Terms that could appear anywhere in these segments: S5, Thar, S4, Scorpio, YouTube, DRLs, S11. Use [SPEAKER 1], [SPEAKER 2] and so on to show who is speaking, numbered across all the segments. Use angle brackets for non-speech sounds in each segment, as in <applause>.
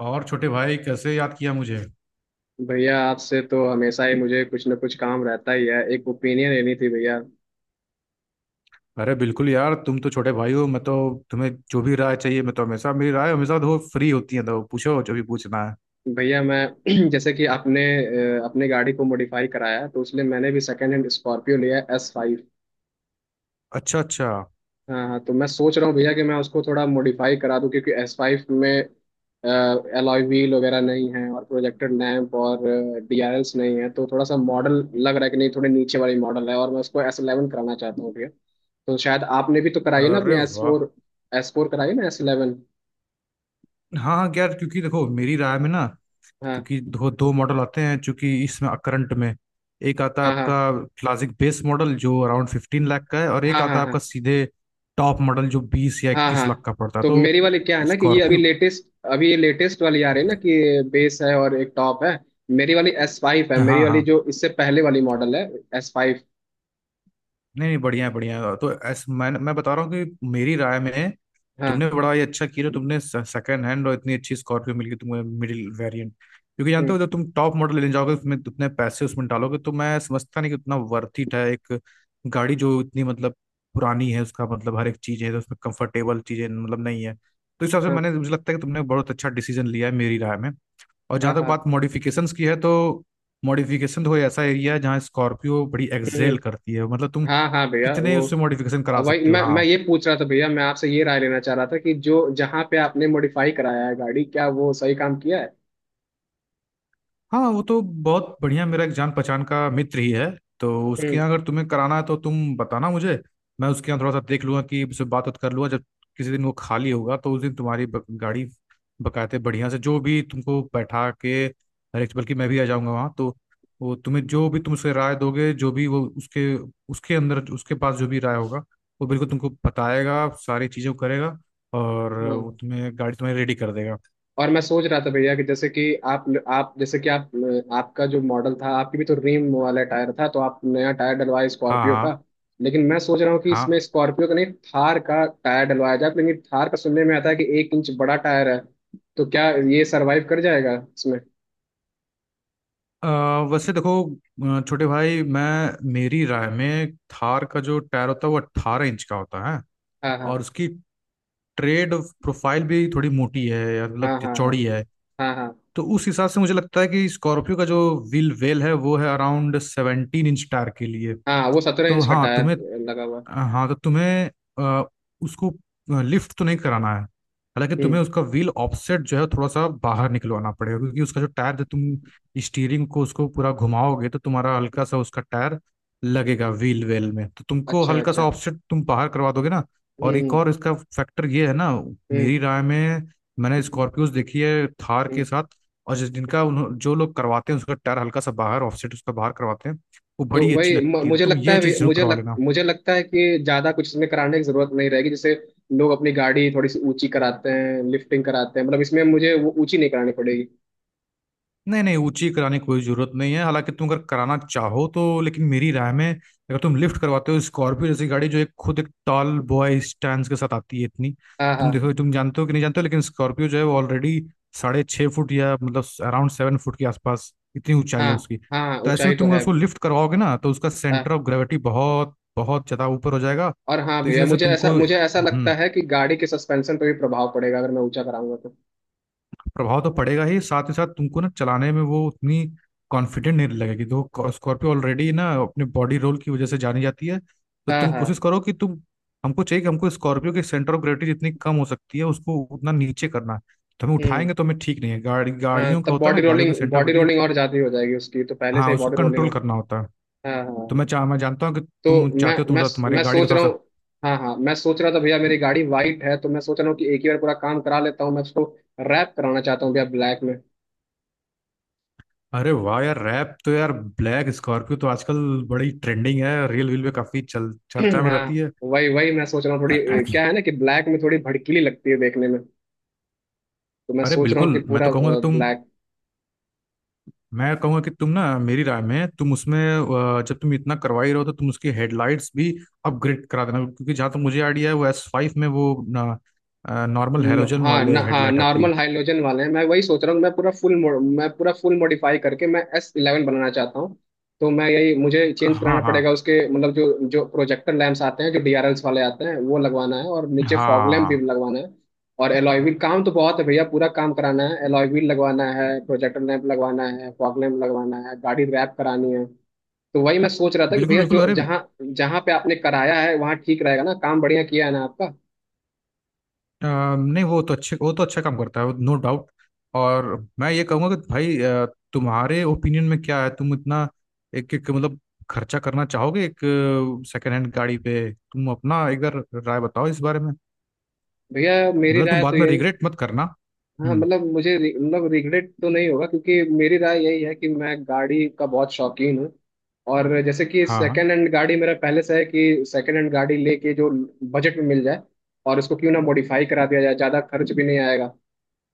[SPEAKER 1] और छोटे भाई कैसे याद किया मुझे?
[SPEAKER 2] भैया, आपसे तो हमेशा ही मुझे कुछ ना कुछ काम रहता ही है। एक ओपिनियन लेनी थी भैया।
[SPEAKER 1] अरे बिल्कुल यार, तुम तो छोटे भाई हो। मैं तो तुम्हें जो भी राय चाहिए, मैं तो हमेशा, मेरी राय हमेशा तो फ्री होती है, तो पूछो जो भी पूछना है।
[SPEAKER 2] भैया, मैं <clears throat> जैसे कि आपने अपने गाड़ी को मॉडिफाई कराया, तो उसलिए मैंने भी सेकेंड हैंड स्कॉर्पियो लिया है, एस फाइव।
[SPEAKER 1] अच्छा अच्छा।
[SPEAKER 2] हाँ हाँ, तो मैं सोच रहा हूँ भैया कि मैं उसको थोड़ा मॉडिफाई करा दूँ, क्योंकि एस फाइव में एलॉय व्हील वगैरह नहीं है और प्रोजेक्टेड लैंप और डीआरएल्स नहीं है। तो थोड़ा सा मॉडल लग रहा है कि नहीं, थोड़े नीचे वाली मॉडल है और मैं उसको एस इलेवन कराना चाहता हूँ भैया। तो शायद आपने भी तो कराई है ना अपनी
[SPEAKER 1] अरे
[SPEAKER 2] एस
[SPEAKER 1] वाह।
[SPEAKER 2] फोर? एस फोर कराई ना, एस इलेवन?
[SPEAKER 1] हाँ हाँ यार, क्योंकि देखो मेरी राय में ना, क्योंकि दो दो मॉडल आते हैं चूंकि इसमें करंट में। एक आता है
[SPEAKER 2] हाँ
[SPEAKER 1] आपका
[SPEAKER 2] हाँ।
[SPEAKER 1] क्लासिक बेस मॉडल जो अराउंड 15 लाख का है, और एक
[SPEAKER 2] हाँ
[SPEAKER 1] आता
[SPEAKER 2] हाँ
[SPEAKER 1] है
[SPEAKER 2] हाँ।
[SPEAKER 1] आपका सीधे टॉप मॉडल जो बीस या
[SPEAKER 2] हाँ
[SPEAKER 1] इक्कीस
[SPEAKER 2] हाँ,
[SPEAKER 1] लाख का पड़ता है।
[SPEAKER 2] तो
[SPEAKER 1] तो
[SPEAKER 2] मेरी वाली क्या है ना कि ये अभी
[SPEAKER 1] स्कॉर्पियो।
[SPEAKER 2] लेटेस्ट, अभी ये लेटेस्ट वाली आ रही है ना कि बेस है और एक टॉप है। मेरी वाली एस फाइव है, मेरी
[SPEAKER 1] हाँ
[SPEAKER 2] वाली
[SPEAKER 1] हाँ।
[SPEAKER 2] जो इससे पहले वाली मॉडल है, एस फाइव।
[SPEAKER 1] नहीं नहीं, बढ़िया है बढ़िया है। तो मैं बता रहा हूँ कि मेरी राय में
[SPEAKER 2] हाँ।
[SPEAKER 1] तुमने बड़ा ये अच्छा किया जो तुमने सेकंड हैंड और इतनी अच्छी स्कॉर्पियो मिल गई तुम्हें, मिडिल वेरिएंट, क्योंकि जानते हो
[SPEAKER 2] हम्म।
[SPEAKER 1] जब तुम टॉप मॉडल लेने जाओगे, उसमें उतने पैसे उसमें डालोगे, तो मैं समझता नहीं कि उतना वर्थ इट है। एक गाड़ी जो इतनी मतलब पुरानी है, उसका मतलब हर एक चीज़ है, तो उसमें कंफर्टेबल चीज़ें मतलब नहीं है, तो इस हिसाब से
[SPEAKER 2] हाँ
[SPEAKER 1] मैंने, मुझे लगता है कि तुमने बहुत अच्छा डिसीजन लिया है मेरी राय में। और जहां
[SPEAKER 2] हाँ
[SPEAKER 1] तक बात
[SPEAKER 2] हाँ।
[SPEAKER 1] मॉडिफिकेशंस की है, तो मॉडिफिकेशन तो कोई ऐसा एरिया है जहाँ स्कॉर्पियो बड़ी
[SPEAKER 2] हम्म।
[SPEAKER 1] एक्सेल
[SPEAKER 2] हम्म।
[SPEAKER 1] करती है। मतलब तुम
[SPEAKER 2] हाँ हाँ भैया,
[SPEAKER 1] कितने
[SPEAKER 2] वो
[SPEAKER 1] उससे मॉडिफिकेशन करा
[SPEAKER 2] अब भाई,
[SPEAKER 1] सकते हो।
[SPEAKER 2] मैं
[SPEAKER 1] हाँ,
[SPEAKER 2] ये पूछ रहा था भैया, मैं आपसे ये राय लेना चाह रहा था कि जो जहाँ पे आपने मॉडिफाई कराया है गाड़ी, क्या वो सही काम किया है?
[SPEAKER 1] हाँ वो तो बहुत बढ़िया, मेरा एक जान पहचान का मित्र ही है, तो उसके यहाँ अगर तुम्हें कराना है तो तुम बताना मुझे। मैं उसके यहाँ थोड़ा सा देख लूंगा कि उससे बात बात कर लूंगा। जब किसी दिन वो खाली होगा तो उस दिन तुम्हारी गाड़ी बकायदे बढ़िया से, जो भी तुमको बैठा के हर एक, बल्कि मैं भी आ जाऊंगा वहाँ तो। वो तुम्हें जो भी तुम उससे राय दोगे, जो भी वो उसके उसके अंदर, उसके पास जो भी राय होगा वो बिल्कुल तुमको बताएगा, सारी चीज़ें करेगा और
[SPEAKER 2] हम्म।
[SPEAKER 1] वो तुम्हें गाड़ी तुम्हें रेडी कर देगा।
[SPEAKER 2] और मैं सोच रहा था भैया कि जैसे कि आप, आपका जो मॉडल था, आपकी भी तो रिम वाला टायर था, तो आप नया टायर डलवाए
[SPEAKER 1] हाँ
[SPEAKER 2] स्कॉर्पियो का।
[SPEAKER 1] हाँ
[SPEAKER 2] लेकिन मैं सोच रहा हूँ कि
[SPEAKER 1] हाँ।
[SPEAKER 2] इसमें स्कॉर्पियो का नहीं, थार का टायर डलवाया जाए। लेकिन थार का सुनने में आता है कि 1 इंच बड़ा टायर है। तो क्या ये सरवाइव कर जाएगा इसमें?
[SPEAKER 1] अ, वैसे देखो, छोटे भाई, मैं, मेरी राय में थार का जो टायर होता है वो 18 इंच का होता है।
[SPEAKER 2] हाँ
[SPEAKER 1] और
[SPEAKER 2] हाँ।
[SPEAKER 1] उसकी ट्रेड प्रोफाइल भी थोड़ी मोटी है, या मतलब
[SPEAKER 2] हाँ
[SPEAKER 1] कि
[SPEAKER 2] हाँ। हाँ
[SPEAKER 1] चौड़ी है।
[SPEAKER 2] हाँ। हाँ,
[SPEAKER 1] तो उस हिसाब से मुझे लगता है कि स्कॉर्पियो का जो व्हील वेल है वो है अराउंड 17 इंच टायर के लिए।
[SPEAKER 2] हाँ वो सत्रह
[SPEAKER 1] तो
[SPEAKER 2] इंच का
[SPEAKER 1] हाँ
[SPEAKER 2] टायर
[SPEAKER 1] तुम्हें,
[SPEAKER 2] लगा हुआ है।
[SPEAKER 1] हाँ तो तुम्हें अ, उसको लिफ्ट तो नहीं कराना है। हालांकि
[SPEAKER 2] हम्म।
[SPEAKER 1] तुम्हें उसका व्हील ऑफसेट जो है थोड़ा सा बाहर निकलवाना पड़ेगा, क्योंकि उसका जो टायर है, तुम स्टीयरिंग को उसको पूरा घुमाओगे तो तुम्हारा हल्का सा उसका टायर लगेगा व्हील वेल में, तो तुमको
[SPEAKER 2] अच्छा
[SPEAKER 1] हल्का सा
[SPEAKER 2] अच्छा।
[SPEAKER 1] ऑफसेट तुम बाहर करवा दोगे ना। और एक और
[SPEAKER 2] हम्म।
[SPEAKER 1] इसका फैक्टर ये है ना,
[SPEAKER 2] हम्म
[SPEAKER 1] मेरी राय में, मैंने स्कॉर्पियोज देखी है थार के
[SPEAKER 2] हम्म।
[SPEAKER 1] साथ। और
[SPEAKER 2] हम्म।
[SPEAKER 1] जो लोग करवाते हैं उसका टायर हल्का सा बाहर ऑफसेट, उसका बाहर करवाते हैं, वो
[SPEAKER 2] तो
[SPEAKER 1] बड़ी अच्छी
[SPEAKER 2] वही
[SPEAKER 1] लगती है। तो
[SPEAKER 2] मुझे
[SPEAKER 1] तुम
[SPEAKER 2] लगता
[SPEAKER 1] ये
[SPEAKER 2] है,
[SPEAKER 1] चीज़ जरूर करवा लेना।
[SPEAKER 2] मुझे लगता है कि ज्यादा कुछ इसमें कराने की जरूरत नहीं रहेगी। जैसे लोग अपनी गाड़ी थोड़ी सी ऊंची कराते हैं, लिफ्टिंग कराते हैं, मतलब इसमें मुझे वो ऊंची नहीं करानी पड़ेगी।
[SPEAKER 1] नहीं नहीं, ऊंची कराने की कोई जरूरत नहीं है, हालांकि तुम अगर कराना चाहो तो। लेकिन मेरी राय में, अगर तुम लिफ्ट करवाते हो स्कॉर्पियो जैसी गाड़ी जो एक खुद एक टॉल बॉय स्टैंड के साथ आती है इतनी,
[SPEAKER 2] हाँ
[SPEAKER 1] तुम
[SPEAKER 2] हाँ।
[SPEAKER 1] देखो तुम जानते हो कि नहीं जानते हो, लेकिन स्कॉर्पियो जो है वो ऑलरेडी 6.5 फुट, या मतलब अराउंड 7 फुट के आसपास इतनी ऊंचाई है
[SPEAKER 2] हाँ
[SPEAKER 1] उसकी।
[SPEAKER 2] हाँ,
[SPEAKER 1] तो ऐसे
[SPEAKER 2] ऊंचाई
[SPEAKER 1] में
[SPEAKER 2] तो
[SPEAKER 1] तुम अगर
[SPEAKER 2] है।
[SPEAKER 1] उसको लिफ्ट करवाओगे ना, तो उसका सेंटर ऑफ
[SPEAKER 2] हाँ।
[SPEAKER 1] ग्रेविटी बहुत बहुत ज्यादा ऊपर हो जाएगा।
[SPEAKER 2] और हाँ
[SPEAKER 1] तो इस
[SPEAKER 2] भैया,
[SPEAKER 1] वजह से तुमको,
[SPEAKER 2] मुझे ऐसा लगता है कि गाड़ी के सस्पेंशन पे भी प्रभाव पड़ेगा अगर मैं ऊंचा कराऊंगा तो।
[SPEAKER 1] प्रभाव तो पड़ेगा ही, साथ ही साथ तुमको ना चलाने में वो उतनी कॉन्फिडेंट नहीं लगेगी। देखो स्कॉर्पियो ऑलरेडी ना अपने बॉडी रोल की वजह से जानी जाती है। तो
[SPEAKER 2] हाँ
[SPEAKER 1] तुम कोशिश
[SPEAKER 2] हाँ।
[SPEAKER 1] करो कि तुम, हमको चाहिए कि हमको स्कॉर्पियो के सेंटर ऑफ ग्रेविटी जितनी कम हो सकती है उसको उतना नीचे करना है। तो हमें
[SPEAKER 2] हम्म।
[SPEAKER 1] उठाएंगे तो हमें ठीक नहीं है। गाड़ी,
[SPEAKER 2] हाँ,
[SPEAKER 1] गाड़ियों का
[SPEAKER 2] तब
[SPEAKER 1] होता है
[SPEAKER 2] बॉडी
[SPEAKER 1] ना, गाड़ियों के
[SPEAKER 2] rolling,
[SPEAKER 1] centre of
[SPEAKER 2] body
[SPEAKER 1] gravity.
[SPEAKER 2] Rolling और ज्यादा ही हो जाएगी उसकी, तो पहले से
[SPEAKER 1] हाँ,
[SPEAKER 2] ही
[SPEAKER 1] उसको
[SPEAKER 2] बॉडी रोलिंग
[SPEAKER 1] कंट्रोल
[SPEAKER 2] है।
[SPEAKER 1] करना होता है।
[SPEAKER 2] हाँ हाँ
[SPEAKER 1] तो
[SPEAKER 2] हाँ।
[SPEAKER 1] मैं जानता हूँ कि
[SPEAKER 2] तो
[SPEAKER 1] तुम
[SPEAKER 2] मैं
[SPEAKER 1] चाहते हो,
[SPEAKER 2] मैं
[SPEAKER 1] तुम्हारी
[SPEAKER 2] मैं
[SPEAKER 1] गाड़ी का
[SPEAKER 2] सोच
[SPEAKER 1] थोड़ा
[SPEAKER 2] रहा हूँ।
[SPEAKER 1] सा,
[SPEAKER 2] हाँ हाँ, मैं सोच रहा था भैया, मेरी गाड़ी वाइट है, तो मैं सोच रहा हूँ कि एक ही बार पूरा काम करा लेता हूँ। मैं उसको रैप कराना चाहता हूँ भैया, ब्लैक में।
[SPEAKER 1] अरे वाह यार, रैप तो यार, ब्लैक स्कॉर्पियो तो आजकल बड़ी ट्रेंडिंग है, रील वील में काफी चल
[SPEAKER 2] <clears throat>
[SPEAKER 1] चर्चा में रहती
[SPEAKER 2] हाँ। वही वही मैं सोच रहा हूँ, थोड़ी
[SPEAKER 1] है।
[SPEAKER 2] क्या है ना कि ब्लैक में थोड़ी भड़कीली लगती है देखने में। तो मैं
[SPEAKER 1] अरे
[SPEAKER 2] सोच रहा हूँ
[SPEAKER 1] बिल्कुल,
[SPEAKER 2] कि
[SPEAKER 1] मैं
[SPEAKER 2] पूरा
[SPEAKER 1] तो कहूंगा कि तुम,
[SPEAKER 2] ब्लैक।
[SPEAKER 1] मैं कहूंगा कि तुम ना मेरी राय में तुम उसमें जब तुम इतना करवा ही रहो तो तुम उसकी हेडलाइट्स भी अपग्रेड करा देना, क्योंकि जहां तक मुझे आइडिया है, वो S5 में वो ना नॉर्मल हेलोजन
[SPEAKER 2] हाँ, न,
[SPEAKER 1] वाले
[SPEAKER 2] हाँ
[SPEAKER 1] हेडलाइट आती है।
[SPEAKER 2] नॉर्मल हाइड्रोजन वाले हैं, मैं वही सोच रहा हूँ। मैं पूरा फुल मॉडिफाई करके मैं एस इलेवन बनाना चाहता हूँ। तो मैं यही, मुझे चेंज कराना
[SPEAKER 1] हाँ हाँ
[SPEAKER 2] पड़ेगा उसके, मतलब जो जो प्रोजेक्टर लैंप्स आते हैं, जो डीआरएल्स वाले आते हैं, वो लगवाना है, और नीचे फॉग लैम्प भी
[SPEAKER 1] हाँ।
[SPEAKER 2] लगवाना है। और एलॉय व्हील, काम तो बहुत है भैया, पूरा काम कराना है। एलॉय व्हील लगवाना है, प्रोजेक्टर लैंप लगवाना है, फॉग लैम्प लगवाना है, गाड़ी रैप करानी है। तो वही मैं सोच रहा था कि
[SPEAKER 1] बिल्कुल
[SPEAKER 2] भैया,
[SPEAKER 1] बिल्कुल,
[SPEAKER 2] जो
[SPEAKER 1] अरे
[SPEAKER 2] जहाँ जहाँ पे आपने कराया है, वहाँ ठीक रहेगा ना? काम बढ़िया किया है ना आपका?
[SPEAKER 1] नहीं वो तो अच्छे, वो तो अच्छा काम करता है वो, नो डाउट। और मैं ये कहूँगा कि भाई, तुम्हारे ओपिनियन में क्या है, तुम इतना एक एक मतलब खर्चा करना चाहोगे एक सेकेंड हैंड गाड़ी पे? तुम अपना एक बार राय बताओ इस बारे में।
[SPEAKER 2] भैया मेरी
[SPEAKER 1] मतलब तुम
[SPEAKER 2] राय तो
[SPEAKER 1] बाद में
[SPEAKER 2] यही।
[SPEAKER 1] रिग्रेट मत करना।
[SPEAKER 2] हाँ,
[SPEAKER 1] हम्म।
[SPEAKER 2] मतलब मतलब रिग्रेट तो नहीं होगा, क्योंकि मेरी राय यही है कि मैं गाड़ी का बहुत शौकीन हूँ। और जैसे कि
[SPEAKER 1] हाँ।
[SPEAKER 2] सेकंड हैंड गाड़ी, मेरा पहले से है कि सेकंड हैंड गाड़ी लेके जो बजट में मिल जाए, और उसको क्यों ना मॉडिफाई करा दिया जाए, ज़्यादा खर्च भी नहीं आएगा,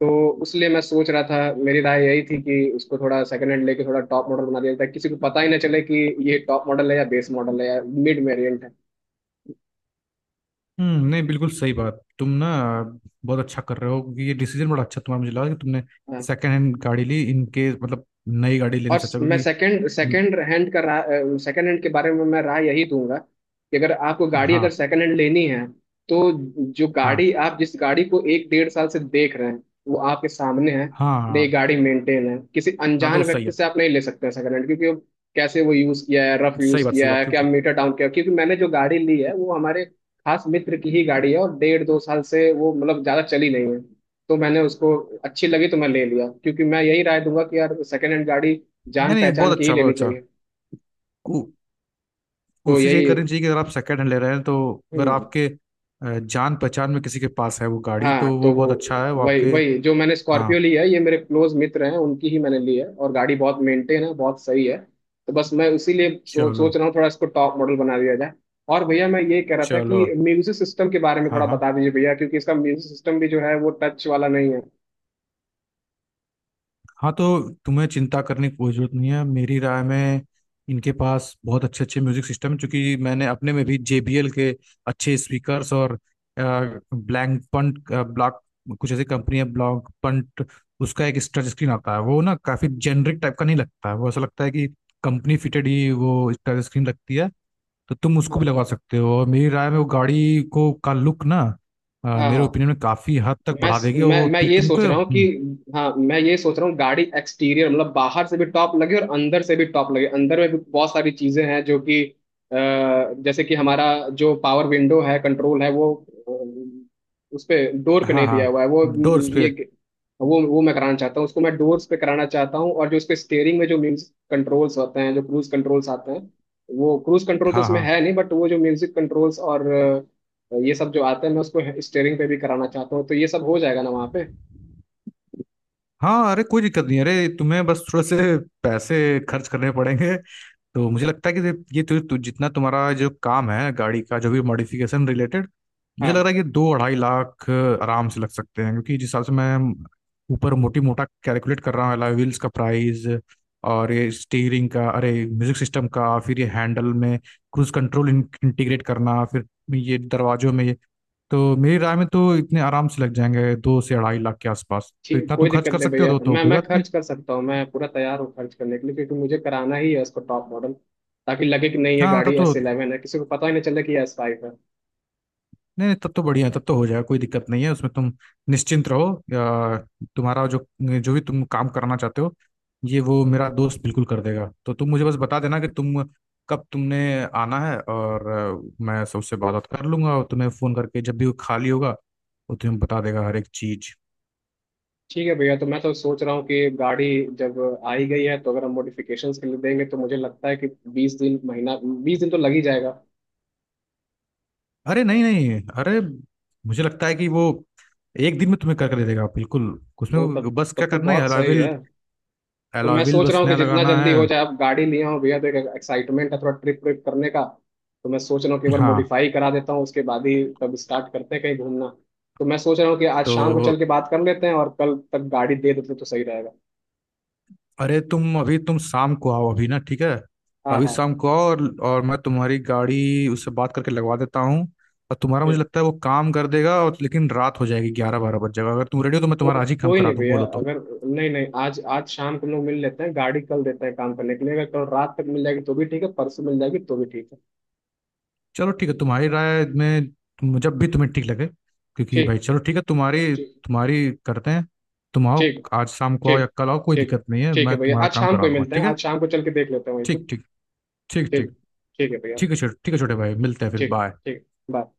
[SPEAKER 2] तो उसलिए मैं सोच रहा था। मेरी राय यही थी कि उसको थोड़ा सेकंड हैंड लेके थोड़ा टॉप मॉडल बना दिया जाए, किसी को पता ही ना चले कि ये टॉप मॉडल है या बेस मॉडल है या मिड वेरिएंट है।
[SPEAKER 1] हम्म, नहीं बिल्कुल सही बात, तुम ना बहुत अच्छा कर रहे हो, क्योंकि ये डिसीजन बड़ा अच्छा तुम्हारा, मुझे लगा कि तुमने
[SPEAKER 2] हाँ।
[SPEAKER 1] सेकेंड हैंड गाड़ी ली, इनके मतलब नई गाड़ी
[SPEAKER 2] और
[SPEAKER 1] लेने से अच्छा,
[SPEAKER 2] मैं
[SPEAKER 1] क्योंकि
[SPEAKER 2] सेकंड
[SPEAKER 1] हम्म,
[SPEAKER 2] सेकंड हैंड का राय, सेकंड हैंड के बारे में मैं राय यही दूंगा कि अगर आपको गाड़ी,
[SPEAKER 1] हाँ
[SPEAKER 2] अगर सेकंड हैंड लेनी है, तो जो
[SPEAKER 1] हाँ
[SPEAKER 2] गाड़ी आप, जिस गाड़ी को एक डेढ़ साल से देख रहे हैं वो आपके सामने है।
[SPEAKER 1] हाँ।
[SPEAKER 2] ये
[SPEAKER 1] हाँ,
[SPEAKER 2] गाड़ी मेंटेन है, किसी
[SPEAKER 1] ना
[SPEAKER 2] अनजान
[SPEAKER 1] तो सही
[SPEAKER 2] व्यक्ति
[SPEAKER 1] है।
[SPEAKER 2] से आप नहीं ले सकते हैं सेकंड हैंड, क्योंकि वो कैसे, वो यूज किया है, रफ यूज
[SPEAKER 1] सही बात, सही
[SPEAKER 2] किया है,
[SPEAKER 1] बात।
[SPEAKER 2] क्या मीटर डाउन किया है। क्योंकि मैंने जो गाड़ी ली है, वो हमारे खास मित्र की ही गाड़ी है, और डेढ़ दो साल से वो मतलब ज्यादा चली नहीं है। तो मैंने उसको, अच्छी लगी तो मैं ले लिया, क्योंकि मैं यही राय दूंगा कि यार, सेकंड हैंड गाड़ी जान
[SPEAKER 1] नहीं नहीं, बहुत
[SPEAKER 2] पहचान की ही
[SPEAKER 1] अच्छा
[SPEAKER 2] लेनी
[SPEAKER 1] बहुत अच्छा।
[SPEAKER 2] चाहिए।
[SPEAKER 1] को,
[SPEAKER 2] तो
[SPEAKER 1] कोशिश ये
[SPEAKER 2] यही।
[SPEAKER 1] करनी चाहिए कि अगर आप सेकेंड हैंड ले रहे हैं, तो अगर
[SPEAKER 2] हम्म।
[SPEAKER 1] आपके जान पहचान में किसी के पास है वो गाड़ी,
[SPEAKER 2] हाँ,
[SPEAKER 1] तो
[SPEAKER 2] तो
[SPEAKER 1] वो
[SPEAKER 2] वो
[SPEAKER 1] बहुत अच्छा है, वो
[SPEAKER 2] वही
[SPEAKER 1] आपके।
[SPEAKER 2] वही जो मैंने स्कॉर्पियो
[SPEAKER 1] हाँ,
[SPEAKER 2] ली है, ये मेरे क्लोज मित्र हैं, उनकी ही मैंने ली है, और गाड़ी बहुत मेंटेन है, बहुत सही है। तो बस मैं इसीलिए
[SPEAKER 1] चलो।
[SPEAKER 2] सोच रहा हूँ, थोड़ा इसको टॉप मॉडल बना दिया जाए। और भैया मैं ये कह रहा था
[SPEAKER 1] चलो।
[SPEAKER 2] कि म्यूजिक सिस्टम के बारे में
[SPEAKER 1] हाँ
[SPEAKER 2] थोड़ा
[SPEAKER 1] हाँ
[SPEAKER 2] बता दीजिए भैया, क्योंकि इसका म्यूजिक सिस्टम भी जो है वो टच वाला नहीं है।
[SPEAKER 1] हाँ, तो तुम्हें चिंता करने की कोई जरूरत नहीं है मेरी राय में। इनके पास बहुत अच्छे अच्छे म्यूजिक सिस्टम है, क्योंकि मैंने अपने में भी JBL के अच्छे स्पीकर्स और ब्लैंक पंट ब्लॉक, कुछ ऐसी कंपनी है, ब्लॉक पंट, उसका एक टच स्क्रीन आता है वो ना काफी जेनरिक टाइप का नहीं लगता है, वो ऐसा लगता है कि कंपनी फिटेड ही वो टच स्क्रीन लगती है। तो तुम
[SPEAKER 2] हाँ
[SPEAKER 1] उसको भी लगा सकते हो, और मेरी राय में वो गाड़ी को का लुक ना,
[SPEAKER 2] हाँ
[SPEAKER 1] मेरे
[SPEAKER 2] हाँ।
[SPEAKER 1] ओपिनियन में काफी हद तक
[SPEAKER 2] मैं
[SPEAKER 1] बढ़ा देगी। और
[SPEAKER 2] मैं
[SPEAKER 1] वो
[SPEAKER 2] मैं ये
[SPEAKER 1] तुमको,
[SPEAKER 2] सोच रहा हूँ कि, हाँ मैं ये सोच रहा हूँ गाड़ी एक्सटीरियर मतलब बाहर से भी टॉप लगे और अंदर से भी टॉप लगे। अंदर में भी बहुत सारी चीजें हैं जो कि अ, जैसे कि हमारा जो पावर विंडो है, कंट्रोल है वो, उस पे डोर पे
[SPEAKER 1] हाँ
[SPEAKER 2] नहीं दिया हुआ है वो।
[SPEAKER 1] हाँ। डोर्स
[SPEAKER 2] ये
[SPEAKER 1] पे।
[SPEAKER 2] वो मैं कराना चाहता हूँ, उसको मैं डोर्स पे कराना चाहता हूँ। और जो उसके स्टेयरिंग में जो म्यूजिक कंट्रोल्स होते हैं, जो क्रूज कंट्रोल्स आते हैं, वो क्रूज कंट्रोल तो
[SPEAKER 1] हाँ
[SPEAKER 2] इसमें
[SPEAKER 1] हाँ
[SPEAKER 2] है नहीं, बट वो जो म्यूजिक कंट्रोल्स और ये सब जो आता है, मैं उसको स्टेयरिंग पे भी कराना चाहता हूँ। तो ये सब हो जाएगा ना वहाँ पे?
[SPEAKER 1] हाँ, अरे कोई दिक्कत नहीं, अरे तुम्हें बस थोड़े से पैसे खर्च करने पड़ेंगे। तो मुझे लगता है कि ये तु, तु, जितना तुम्हारा जो काम है गाड़ी का, जो भी मॉडिफिकेशन रिलेटेड, मुझे लग
[SPEAKER 2] हाँ।
[SPEAKER 1] रहा है कि 2-2.5 लाख आराम से लग सकते हैं, क्योंकि जिस हिसाब से मैं ऊपर मोटी मोटा कैलकुलेट कर रहा हूँ अलॉय व्हील्स का प्राइस, और ये स्टीयरिंग का, अरे म्यूजिक सिस्टम का, फिर ये हैंडल में क्रूज कंट्रोल इंटीग्रेट करना, फिर ये दरवाजों में ये। तो मेरी राय में तो इतने आराम से लग जाएंगे 2 से 2.5 लाख के आसपास, तो
[SPEAKER 2] ठीक,
[SPEAKER 1] इतना तुम
[SPEAKER 2] कोई
[SPEAKER 1] खर्च
[SPEAKER 2] दिक्कत
[SPEAKER 1] कर
[SPEAKER 2] नहीं
[SPEAKER 1] सकते हो
[SPEAKER 2] भैया,
[SPEAKER 1] तो,
[SPEAKER 2] मैं
[SPEAKER 1] कोई
[SPEAKER 2] मैं
[SPEAKER 1] बात नहीं।
[SPEAKER 2] खर्च कर सकता हूँ, मैं पूरा तैयार हूँ खर्च करने के लिए, क्योंकि मुझे कराना ही है उसको टॉप मॉडल, ताकि लगे कि नहीं, ये
[SPEAKER 1] हाँ तब
[SPEAKER 2] गाड़ी
[SPEAKER 1] तो,
[SPEAKER 2] एस इलेवन है, किसी को पता ही नहीं चले कि ये एस फाइव है।
[SPEAKER 1] नहीं नहीं, तब तो बढ़िया है, तब तो हो जाएगा, कोई दिक्कत नहीं है उसमें, तुम निश्चिंत रहो। या तुम्हारा जो, जो भी तुम काम करना चाहते हो, ये, वो मेरा दोस्त बिल्कुल कर देगा। तो तुम मुझे बस बता देना कि तुम कब तुमने आना है, और मैं सबसे बात बात कर लूंगा, और तुम्हें फ़ोन करके जब भी वो खाली होगा, वो तुम्हें बता देगा हर एक चीज़।
[SPEAKER 2] ठीक है भैया, तो मैं तो सोच रहा हूँ कि गाड़ी जब आई गई है, तो अगर हम मॉडिफिकेशंस के लिए देंगे तो मुझे लगता है कि 20 दिन, महीना 20 दिन तो लग ही जाएगा।
[SPEAKER 1] अरे नहीं नहीं, अरे मुझे लगता है कि वो एक दिन में तुम्हें कर कर दे देगा बिल्कुल।
[SPEAKER 2] तो तब
[SPEAKER 1] उसमें बस
[SPEAKER 2] तब
[SPEAKER 1] क्या
[SPEAKER 2] तो
[SPEAKER 1] करना है,
[SPEAKER 2] बहुत सही
[SPEAKER 1] अलॉयविल।
[SPEAKER 2] है। तो मैं
[SPEAKER 1] अलॉयविल
[SPEAKER 2] सोच रहा
[SPEAKER 1] बस
[SPEAKER 2] हूँ कि
[SPEAKER 1] नया
[SPEAKER 2] जितना
[SPEAKER 1] लगाना
[SPEAKER 2] जल्दी
[SPEAKER 1] है।
[SPEAKER 2] हो जाए, अब गाड़ी लिया हूँ भैया तो एक एक्साइटमेंट है थोड़ा ट्रिप ट्रिप करने का। तो मैं सोच रहा हूँ कि एक बार
[SPEAKER 1] हाँ
[SPEAKER 2] मॉडिफाई करा देता हूँ, उसके बाद ही तब स्टार्ट करते हैं कहीं घूमना। तो मैं सोच रहा हूँ कि आज
[SPEAKER 1] तो,
[SPEAKER 2] शाम को चल के बात कर लेते हैं, और कल तक गाड़ी दे देते तो सही रहेगा।
[SPEAKER 1] अरे तुम अभी, तुम शाम को आओ अभी ना, ठीक है?
[SPEAKER 2] हाँ
[SPEAKER 1] अभी
[SPEAKER 2] हाँ।
[SPEAKER 1] शाम को आओ और मैं तुम्हारी गाड़ी उससे बात करके लगवा देता हूँ। और तुम्हारा मुझे
[SPEAKER 2] ठीक,
[SPEAKER 1] लगता है वो काम कर देगा, और लेकिन रात हो जाएगी, 11-12 बज जाएगा। अगर तुम रेडी हो तो मैं
[SPEAKER 2] को,
[SPEAKER 1] तुम्हारा आज ही काम
[SPEAKER 2] कोई
[SPEAKER 1] करा
[SPEAKER 2] नहीं
[SPEAKER 1] दूँ,
[SPEAKER 2] भैया,
[SPEAKER 1] बोलो तो।
[SPEAKER 2] अगर नहीं नहीं, आज आज शाम को हम लोग मिल लेते हैं, गाड़ी कल देते हैं काम करने के लिए। अगर कल रात तक मिल जाएगी तो भी ठीक है, परसों मिल जाएगी तो भी ठीक है।
[SPEAKER 1] चलो ठीक है, तुम्हारी राय में, तुम जब भी तुम्हें ठीक लगे, क्योंकि भाई
[SPEAKER 2] ठीक।
[SPEAKER 1] चलो ठीक है, तुम्हारी
[SPEAKER 2] ठीक।
[SPEAKER 1] तुम्हारी करते हैं। तुम आओ,
[SPEAKER 2] ठीक।
[SPEAKER 1] आज शाम को आओ या
[SPEAKER 2] ठीक।
[SPEAKER 1] कल आओ, कोई
[SPEAKER 2] ठीक।
[SPEAKER 1] दिक्कत नहीं है,
[SPEAKER 2] ठीक है
[SPEAKER 1] मैं
[SPEAKER 2] भैया,
[SPEAKER 1] तुम्हारा
[SPEAKER 2] आज
[SPEAKER 1] काम
[SPEAKER 2] शाम को
[SPEAKER 1] करा
[SPEAKER 2] ही
[SPEAKER 1] दूंगा,
[SPEAKER 2] मिलते हैं,
[SPEAKER 1] ठीक है।
[SPEAKER 2] आज शाम को चल के देख लेते हैं वहीं पर।
[SPEAKER 1] ठीक ठीक। ठीक
[SPEAKER 2] ठीक।
[SPEAKER 1] ठीक।
[SPEAKER 2] ठीक है भैया।
[SPEAKER 1] ठीक है छोटे, ठीक है छोटे भाई, मिलते हैं फिर।
[SPEAKER 2] ठीक
[SPEAKER 1] बाय।
[SPEAKER 2] ठीक। बाय।